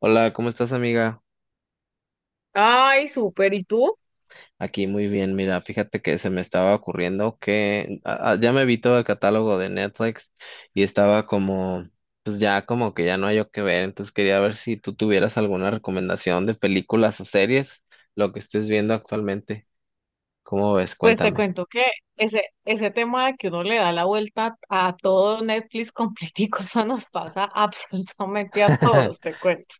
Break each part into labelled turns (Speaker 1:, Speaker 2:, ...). Speaker 1: Hola, ¿cómo estás, amiga?
Speaker 2: Ay, súper. ¿Y tú?
Speaker 1: Aquí muy bien, mira, fíjate que se me estaba ocurriendo que ya me vi todo el catálogo de Netflix y estaba como, pues ya como que ya no hay yo que ver, entonces quería ver si tú tuvieras alguna recomendación de películas o series, lo que estés viendo actualmente. ¿Cómo ves?
Speaker 2: Pues te
Speaker 1: Cuéntame.
Speaker 2: cuento que ese tema de que uno le da la vuelta a todo Netflix completico, eso nos pasa absolutamente a todos, te cuento.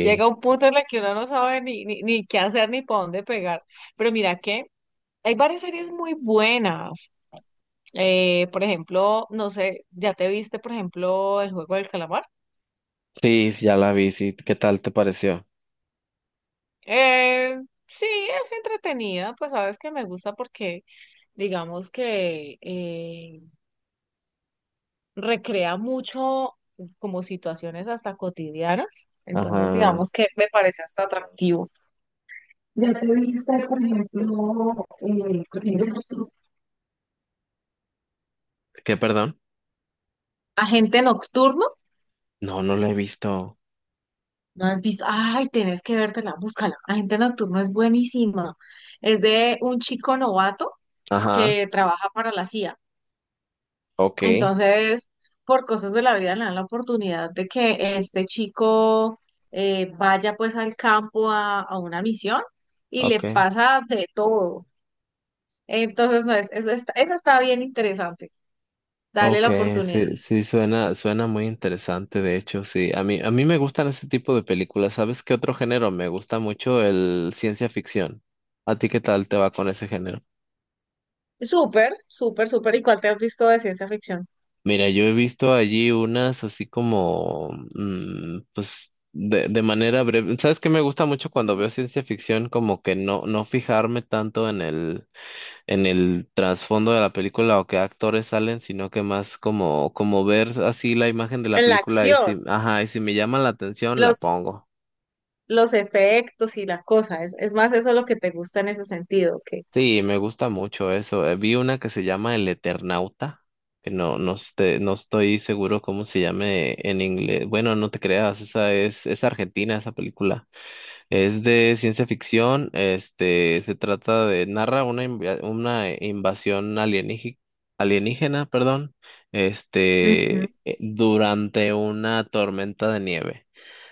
Speaker 2: Llega un punto en el que uno no sabe ni qué hacer ni para dónde pegar. Pero mira que hay varias series muy buenas. Por ejemplo, no sé, ¿ya te viste, por ejemplo, El Juego del Calamar?
Speaker 1: sí, sí, ya la vi, sí. ¿Qué tal te pareció?
Speaker 2: Eh, sí, es entretenida, pues sabes que me gusta porque digamos que recrea mucho como situaciones hasta cotidianas, entonces
Speaker 1: Ajá.
Speaker 2: digamos que me parece hasta atractivo. ¿Ya te viste, por ejemplo, Corriendo Nocturno?
Speaker 1: ¿Qué, perdón?
Speaker 2: Agente Nocturno,
Speaker 1: No, no la he visto.
Speaker 2: ¿no has visto? Ay, tenés que vértela, búscala. Agente Nocturno es buenísima. Es de un chico novato
Speaker 1: Ajá.
Speaker 2: que trabaja para la CIA.
Speaker 1: Ok,
Speaker 2: Entonces, por cosas de la vida le dan la oportunidad de que este chico vaya pues al campo a una misión y le
Speaker 1: ok.
Speaker 2: pasa de todo. Entonces, no, esa está bien interesante. Dale la
Speaker 1: Okay,
Speaker 2: oportunidad.
Speaker 1: sí, suena muy interesante, de hecho, sí. A mí me gustan ese tipo de películas. ¿Sabes qué otro género? Me gusta mucho el ciencia ficción. ¿A ti qué tal te va con ese género?
Speaker 2: Súper, súper, súper. ¿Y cuál te has visto de ciencia ficción?
Speaker 1: Mira, yo he visto allí unas así como, pues, de manera breve. ¿Sabes qué me gusta mucho cuando veo ciencia ficción? Como que no fijarme tanto en el trasfondo de la película o qué actores salen, sino que más como, como ver así la imagen de la
Speaker 2: En la
Speaker 1: película y
Speaker 2: acción,
Speaker 1: si, ajá, y si me llama la atención, la
Speaker 2: los,
Speaker 1: pongo.
Speaker 2: los efectos y la cosa. Es más eso lo que te gusta en ese sentido. Que
Speaker 1: Sí, me gusta mucho eso. Vi una que se llama El Eternauta, que no, no, este- no estoy seguro cómo se llame en inglés. Bueno, no te creas, esa es argentina esa película. Es de ciencia ficción, este, se trata de, narra una, una invasión alienígena, alienígena, perdón,
Speaker 2: ujú.
Speaker 1: durante una tormenta de nieve.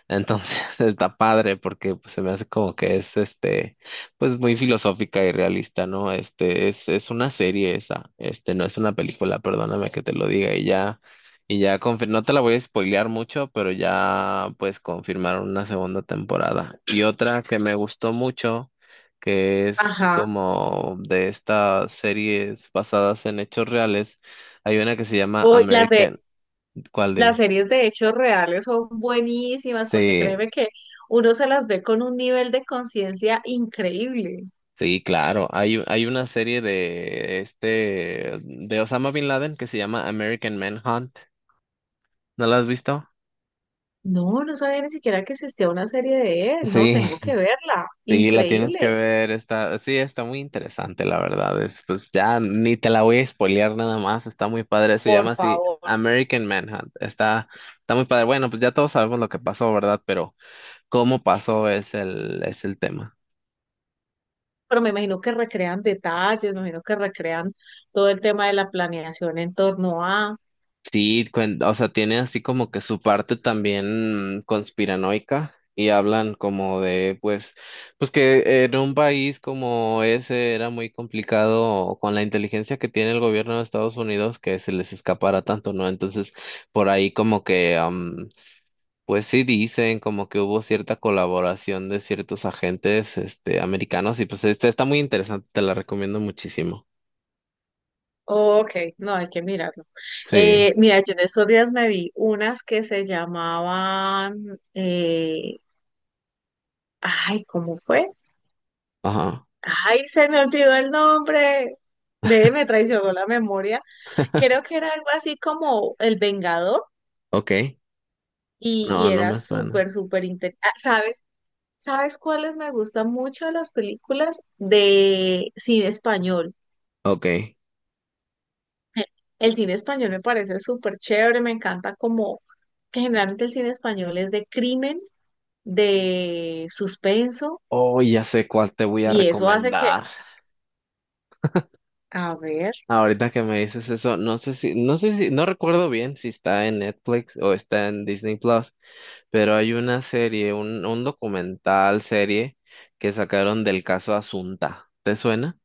Speaker 1: Entonces está padre porque pues, se me hace como que es este pues muy filosófica y realista, ¿no? Este es una serie esa, este no es una película, perdóname que te lo diga y ya no te la voy a spoilear mucho, pero ya pues confirmaron una segunda temporada. Y otra que me gustó mucho que es
Speaker 2: Ajá.
Speaker 1: como de estas series basadas en hechos reales, hay una que se llama
Speaker 2: O las de
Speaker 1: American, ¿cuál
Speaker 2: las
Speaker 1: dime?
Speaker 2: series de hechos reales son buenísimas porque
Speaker 1: Sí,
Speaker 2: créeme que uno se las ve con un nivel de conciencia increíble.
Speaker 1: sí, claro. Hay una serie de este de Osama Bin Laden que se llama American Manhunt. ¿No la has visto?
Speaker 2: No, no sabía ni siquiera que existía una serie de él. No,
Speaker 1: Sí,
Speaker 2: tengo que verla.
Speaker 1: sí, la tienes que
Speaker 2: Increíble,
Speaker 1: ver. Está, sí, está muy interesante, la verdad. Es, pues ya ni te la voy a spoilear nada más. Está muy padre. Se
Speaker 2: por
Speaker 1: llama así
Speaker 2: favor.
Speaker 1: American Manhunt. Está, está muy padre. Bueno, pues ya todos sabemos lo que pasó, ¿verdad? Pero cómo pasó es el tema.
Speaker 2: Pero me imagino que recrean detalles, me imagino que recrean todo el tema de la planeación en torno a...
Speaker 1: Sí, o sea, tiene así como que su parte también conspiranoica y hablan como de, pues, pues que en un país como ese era muy complicado con la inteligencia que tiene el gobierno de Estados Unidos que se les escapara tanto, ¿no? Entonces, por ahí como que, pues sí dicen como que hubo cierta colaboración de ciertos agentes, este, americanos y pues esta está muy interesante, te la recomiendo muchísimo.
Speaker 2: Ok, no, hay que mirarlo.
Speaker 1: Sí,
Speaker 2: Mira, yo en estos días me vi unas que se llamaban... Ay, ¿cómo fue?
Speaker 1: ajá,
Speaker 2: Ay, se me olvidó el nombre. Ve, me traicionó la memoria. Creo que era algo así como El Vengador
Speaker 1: ok,
Speaker 2: y
Speaker 1: no, no
Speaker 2: era
Speaker 1: me suena.
Speaker 2: súper, súper interesante. ¿Sabes? ¿Sabes cuáles me gustan mucho de las películas de cine español?
Speaker 1: Ok.
Speaker 2: Eh, El cine español me parece súper chévere, me encanta como que generalmente el cine español es de crimen, de suspenso
Speaker 1: Oh, ya sé cuál te voy a
Speaker 2: y eso hace que,
Speaker 1: recomendar.
Speaker 2: a ver,
Speaker 1: Ahorita que me dices eso, no sé si, no recuerdo bien si está en Netflix o está en Disney Plus, pero hay una serie, un documental serie que sacaron del caso Asunta. ¿Te suena?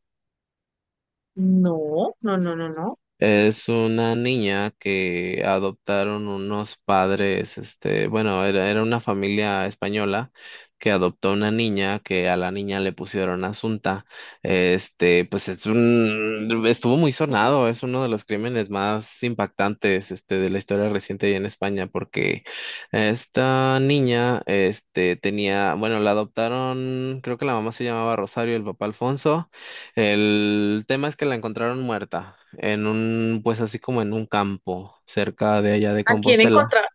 Speaker 2: no, no, no, no, no.
Speaker 1: Es una niña que adoptaron unos padres, este, bueno, era una familia española que adoptó una niña que a la niña le pusieron Asunta. Este, pues es un, estuvo muy sonado, es uno de los crímenes más impactantes, este, de la historia reciente y en España, porque esta niña, este, tenía, bueno, la adoptaron, creo que la mamá se llamaba Rosario, el papá Alfonso. El tema es que la encontraron muerta en un, pues así como en un campo cerca de allá de
Speaker 2: ¿A quién
Speaker 1: Compostela,
Speaker 2: encontrar?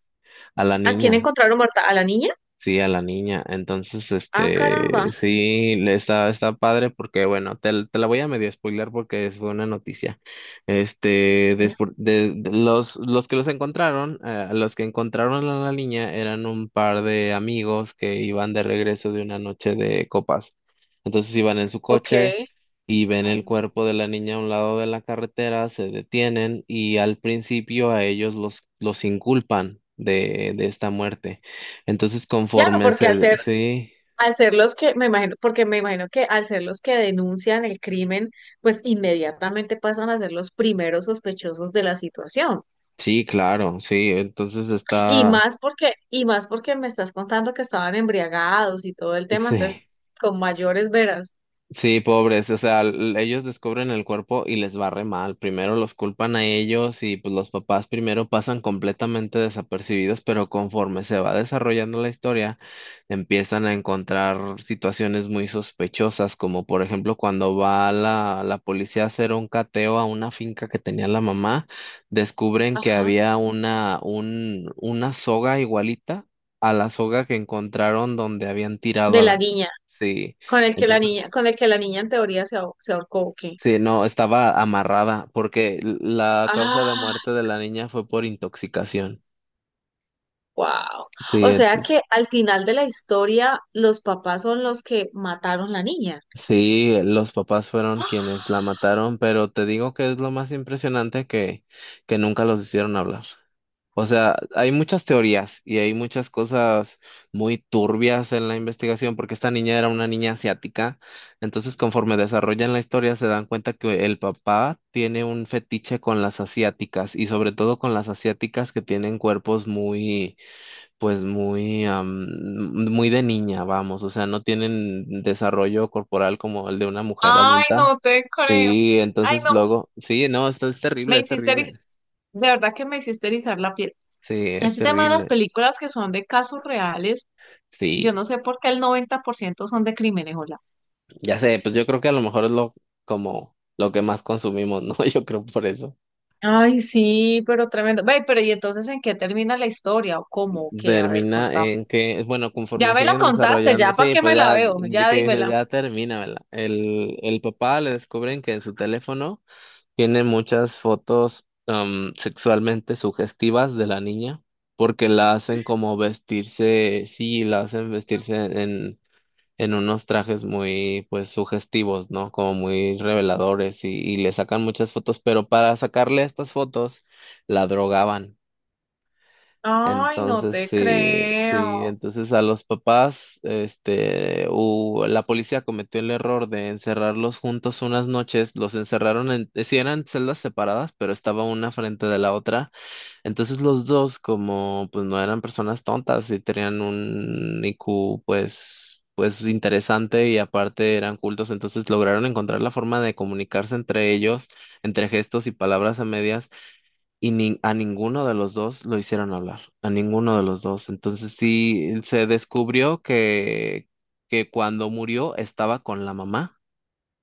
Speaker 1: a la
Speaker 2: ¿A quién
Speaker 1: niña.
Speaker 2: encontraron muerta? ¿A la niña?
Speaker 1: Sí, a la niña. Entonces,
Speaker 2: Ah, caramba.
Speaker 1: este, sí, le está, está padre porque, bueno, te la voy a medio spoiler porque fue una noticia. Este, de los que los encontraron, los que encontraron a la niña eran un par de amigos que iban de regreso de una noche de copas. Entonces iban en su
Speaker 2: Ok.
Speaker 1: coche y ven el cuerpo de la niña a un lado de la carretera, se detienen y al principio a ellos los inculpan de esta muerte. Entonces,
Speaker 2: Claro,
Speaker 1: conforme
Speaker 2: porque
Speaker 1: se, sí,
Speaker 2: al ser los que, me imagino, porque me imagino que al ser los que denuncian el crimen, pues inmediatamente pasan a ser los primeros sospechosos de la situación.
Speaker 1: sí, claro, sí, entonces
Speaker 2: Y
Speaker 1: está,
Speaker 2: más porque, y más porque me estás contando que estaban embriagados y todo el tema, entonces
Speaker 1: sí,
Speaker 2: con mayores veras,
Speaker 1: sí, pobres, o sea, ellos descubren el cuerpo y les va re mal. Primero los culpan a ellos y pues los papás primero pasan completamente desapercibidos, pero conforme se va desarrollando la historia, empiezan a encontrar situaciones muy sospechosas, como por ejemplo cuando va la policía a hacer un cateo a una finca que tenía la mamá, descubren que
Speaker 2: ajá,
Speaker 1: había una soga igualita a la soga que encontraron donde habían tirado
Speaker 2: de
Speaker 1: a
Speaker 2: la
Speaker 1: la...
Speaker 2: niña,
Speaker 1: Sí. Entonces,
Speaker 2: con el que la niña en teoría se ahorcó, ¿o qué?
Speaker 1: sí, no, estaba amarrada porque la causa de
Speaker 2: Ah,
Speaker 1: muerte de la niña fue por intoxicación.
Speaker 2: wow.
Speaker 1: Sí,
Speaker 2: O sea
Speaker 1: entonces,
Speaker 2: que al final de la historia, los papás son los que mataron la niña.
Speaker 1: sí, los papás fueron quienes la mataron, pero te digo que es lo más impresionante que nunca los hicieron hablar. O sea, hay muchas teorías y hay muchas cosas muy turbias en la investigación porque esta niña era una niña asiática. Entonces, conforme desarrollan la historia, se dan cuenta que el papá tiene un fetiche con las asiáticas y sobre todo con las asiáticas que tienen cuerpos muy, pues muy, am, muy de niña, vamos. O sea, no tienen desarrollo corporal como el de una mujer
Speaker 2: Ay,
Speaker 1: adulta.
Speaker 2: no te creo.
Speaker 1: Sí,
Speaker 2: Ay,
Speaker 1: entonces
Speaker 2: no,
Speaker 1: luego, sí, no, esto es
Speaker 2: me
Speaker 1: terrible, es
Speaker 2: hiciste eriz-
Speaker 1: terrible.
Speaker 2: de verdad que me hiciste erizar la piel.
Speaker 1: Sí, es
Speaker 2: Ese tema de las
Speaker 1: terrible.
Speaker 2: películas que son de casos reales, yo
Speaker 1: Sí.
Speaker 2: no sé por qué el 90% son de crímenes, hola.
Speaker 1: Ya sé, pues yo creo que a lo mejor es lo como lo que más consumimos, ¿no? Yo creo por eso.
Speaker 2: Ay, sí, pero tremendo. Ve, pero ¿y entonces en qué termina la historia o cómo o qué? A ver,
Speaker 1: Termina
Speaker 2: contame.
Speaker 1: en que, bueno, conforme
Speaker 2: Ya me la
Speaker 1: siguen
Speaker 2: contaste,
Speaker 1: desarrollando,
Speaker 2: ya para
Speaker 1: sí,
Speaker 2: qué
Speaker 1: pues
Speaker 2: me la
Speaker 1: ya,
Speaker 2: veo,
Speaker 1: y
Speaker 2: ya
Speaker 1: que dices,
Speaker 2: dímela.
Speaker 1: ya termina, ¿verdad? El papá le descubren que en su teléfono tiene muchas fotos sexualmente sugestivas de la niña, porque la hacen como vestirse, sí, la hacen vestirse en unos trajes muy, pues, sugestivos, ¿no? Como muy reveladores y le sacan muchas fotos, pero para sacarle estas fotos la drogaban.
Speaker 2: Ay, no
Speaker 1: Entonces,
Speaker 2: te
Speaker 1: sí,
Speaker 2: creo.
Speaker 1: sí, entonces a los papás, este, la policía cometió el error de encerrarlos juntos unas noches, los encerraron en, sí eran celdas separadas, pero estaba una frente de la otra entonces los dos, como pues no eran personas tontas y tenían un IQ pues, pues interesante y aparte eran cultos, entonces lograron encontrar la forma de comunicarse entre ellos, entre gestos y palabras a medias, y a ninguno de los dos lo hicieron hablar, a ninguno de los dos. Entonces sí se descubrió que cuando murió estaba con la mamá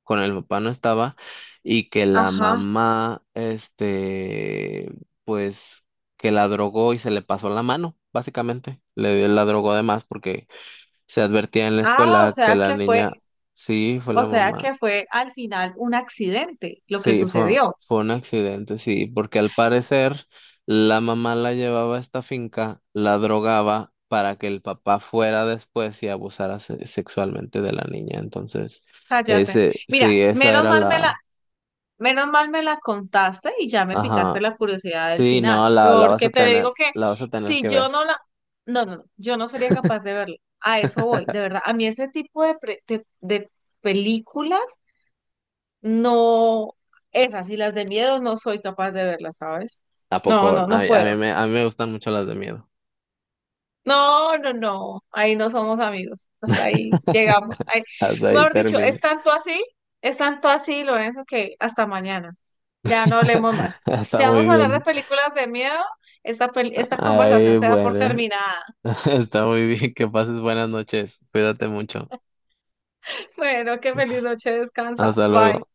Speaker 1: con el papá no estaba y que la
Speaker 2: Ajá.
Speaker 1: mamá, este, pues que la drogó y se le pasó la mano, básicamente. Le la drogó de más porque se advertía en la
Speaker 2: Ah, o
Speaker 1: escuela que
Speaker 2: sea
Speaker 1: la
Speaker 2: que fue,
Speaker 1: niña, sí, fue
Speaker 2: o
Speaker 1: la
Speaker 2: sea
Speaker 1: mamá,
Speaker 2: que fue al final un accidente lo que
Speaker 1: sí,
Speaker 2: sucedió.
Speaker 1: fue un accidente, sí, porque al parecer la mamá la llevaba a esta finca, la drogaba. Para que el papá fuera después y sexualmente de la niña. Entonces,
Speaker 2: Cállate.
Speaker 1: ese,
Speaker 2: Mira,
Speaker 1: sí, esa
Speaker 2: menos
Speaker 1: era
Speaker 2: mal me la,
Speaker 1: la,
Speaker 2: menos mal me la contaste y ya me picaste
Speaker 1: ajá,
Speaker 2: la curiosidad del
Speaker 1: sí,
Speaker 2: final,
Speaker 1: no, la vas
Speaker 2: porque
Speaker 1: a
Speaker 2: te
Speaker 1: tener,
Speaker 2: digo que
Speaker 1: la vas a tener
Speaker 2: si
Speaker 1: que
Speaker 2: yo
Speaker 1: ver.
Speaker 2: no la, no, no, no, yo no sería capaz de verla. A eso voy, de verdad. A mí ese tipo de películas, no, esas y las de miedo no soy capaz de verlas, ¿sabes?
Speaker 1: ¿A
Speaker 2: No,
Speaker 1: poco?
Speaker 2: no,
Speaker 1: A,
Speaker 2: no puedo.
Speaker 1: a mí me gustan mucho las de miedo.
Speaker 2: No, no, no, ahí no somos amigos, hasta ahí llegamos. Ahí-
Speaker 1: Hasta ahí
Speaker 2: mejor dicho,
Speaker 1: termina.
Speaker 2: es tanto así, Lorenzo, que hasta mañana. Ya no hablemos más. Si
Speaker 1: Está
Speaker 2: vamos
Speaker 1: muy
Speaker 2: a hablar de
Speaker 1: bien.
Speaker 2: películas de miedo, esta conversación
Speaker 1: Ay,
Speaker 2: se da por
Speaker 1: bueno.
Speaker 2: terminada.
Speaker 1: Está muy bien. Que pases buenas noches. Cuídate mucho.
Speaker 2: Bueno, qué feliz noche, descansa.
Speaker 1: Hasta
Speaker 2: Bye.
Speaker 1: luego.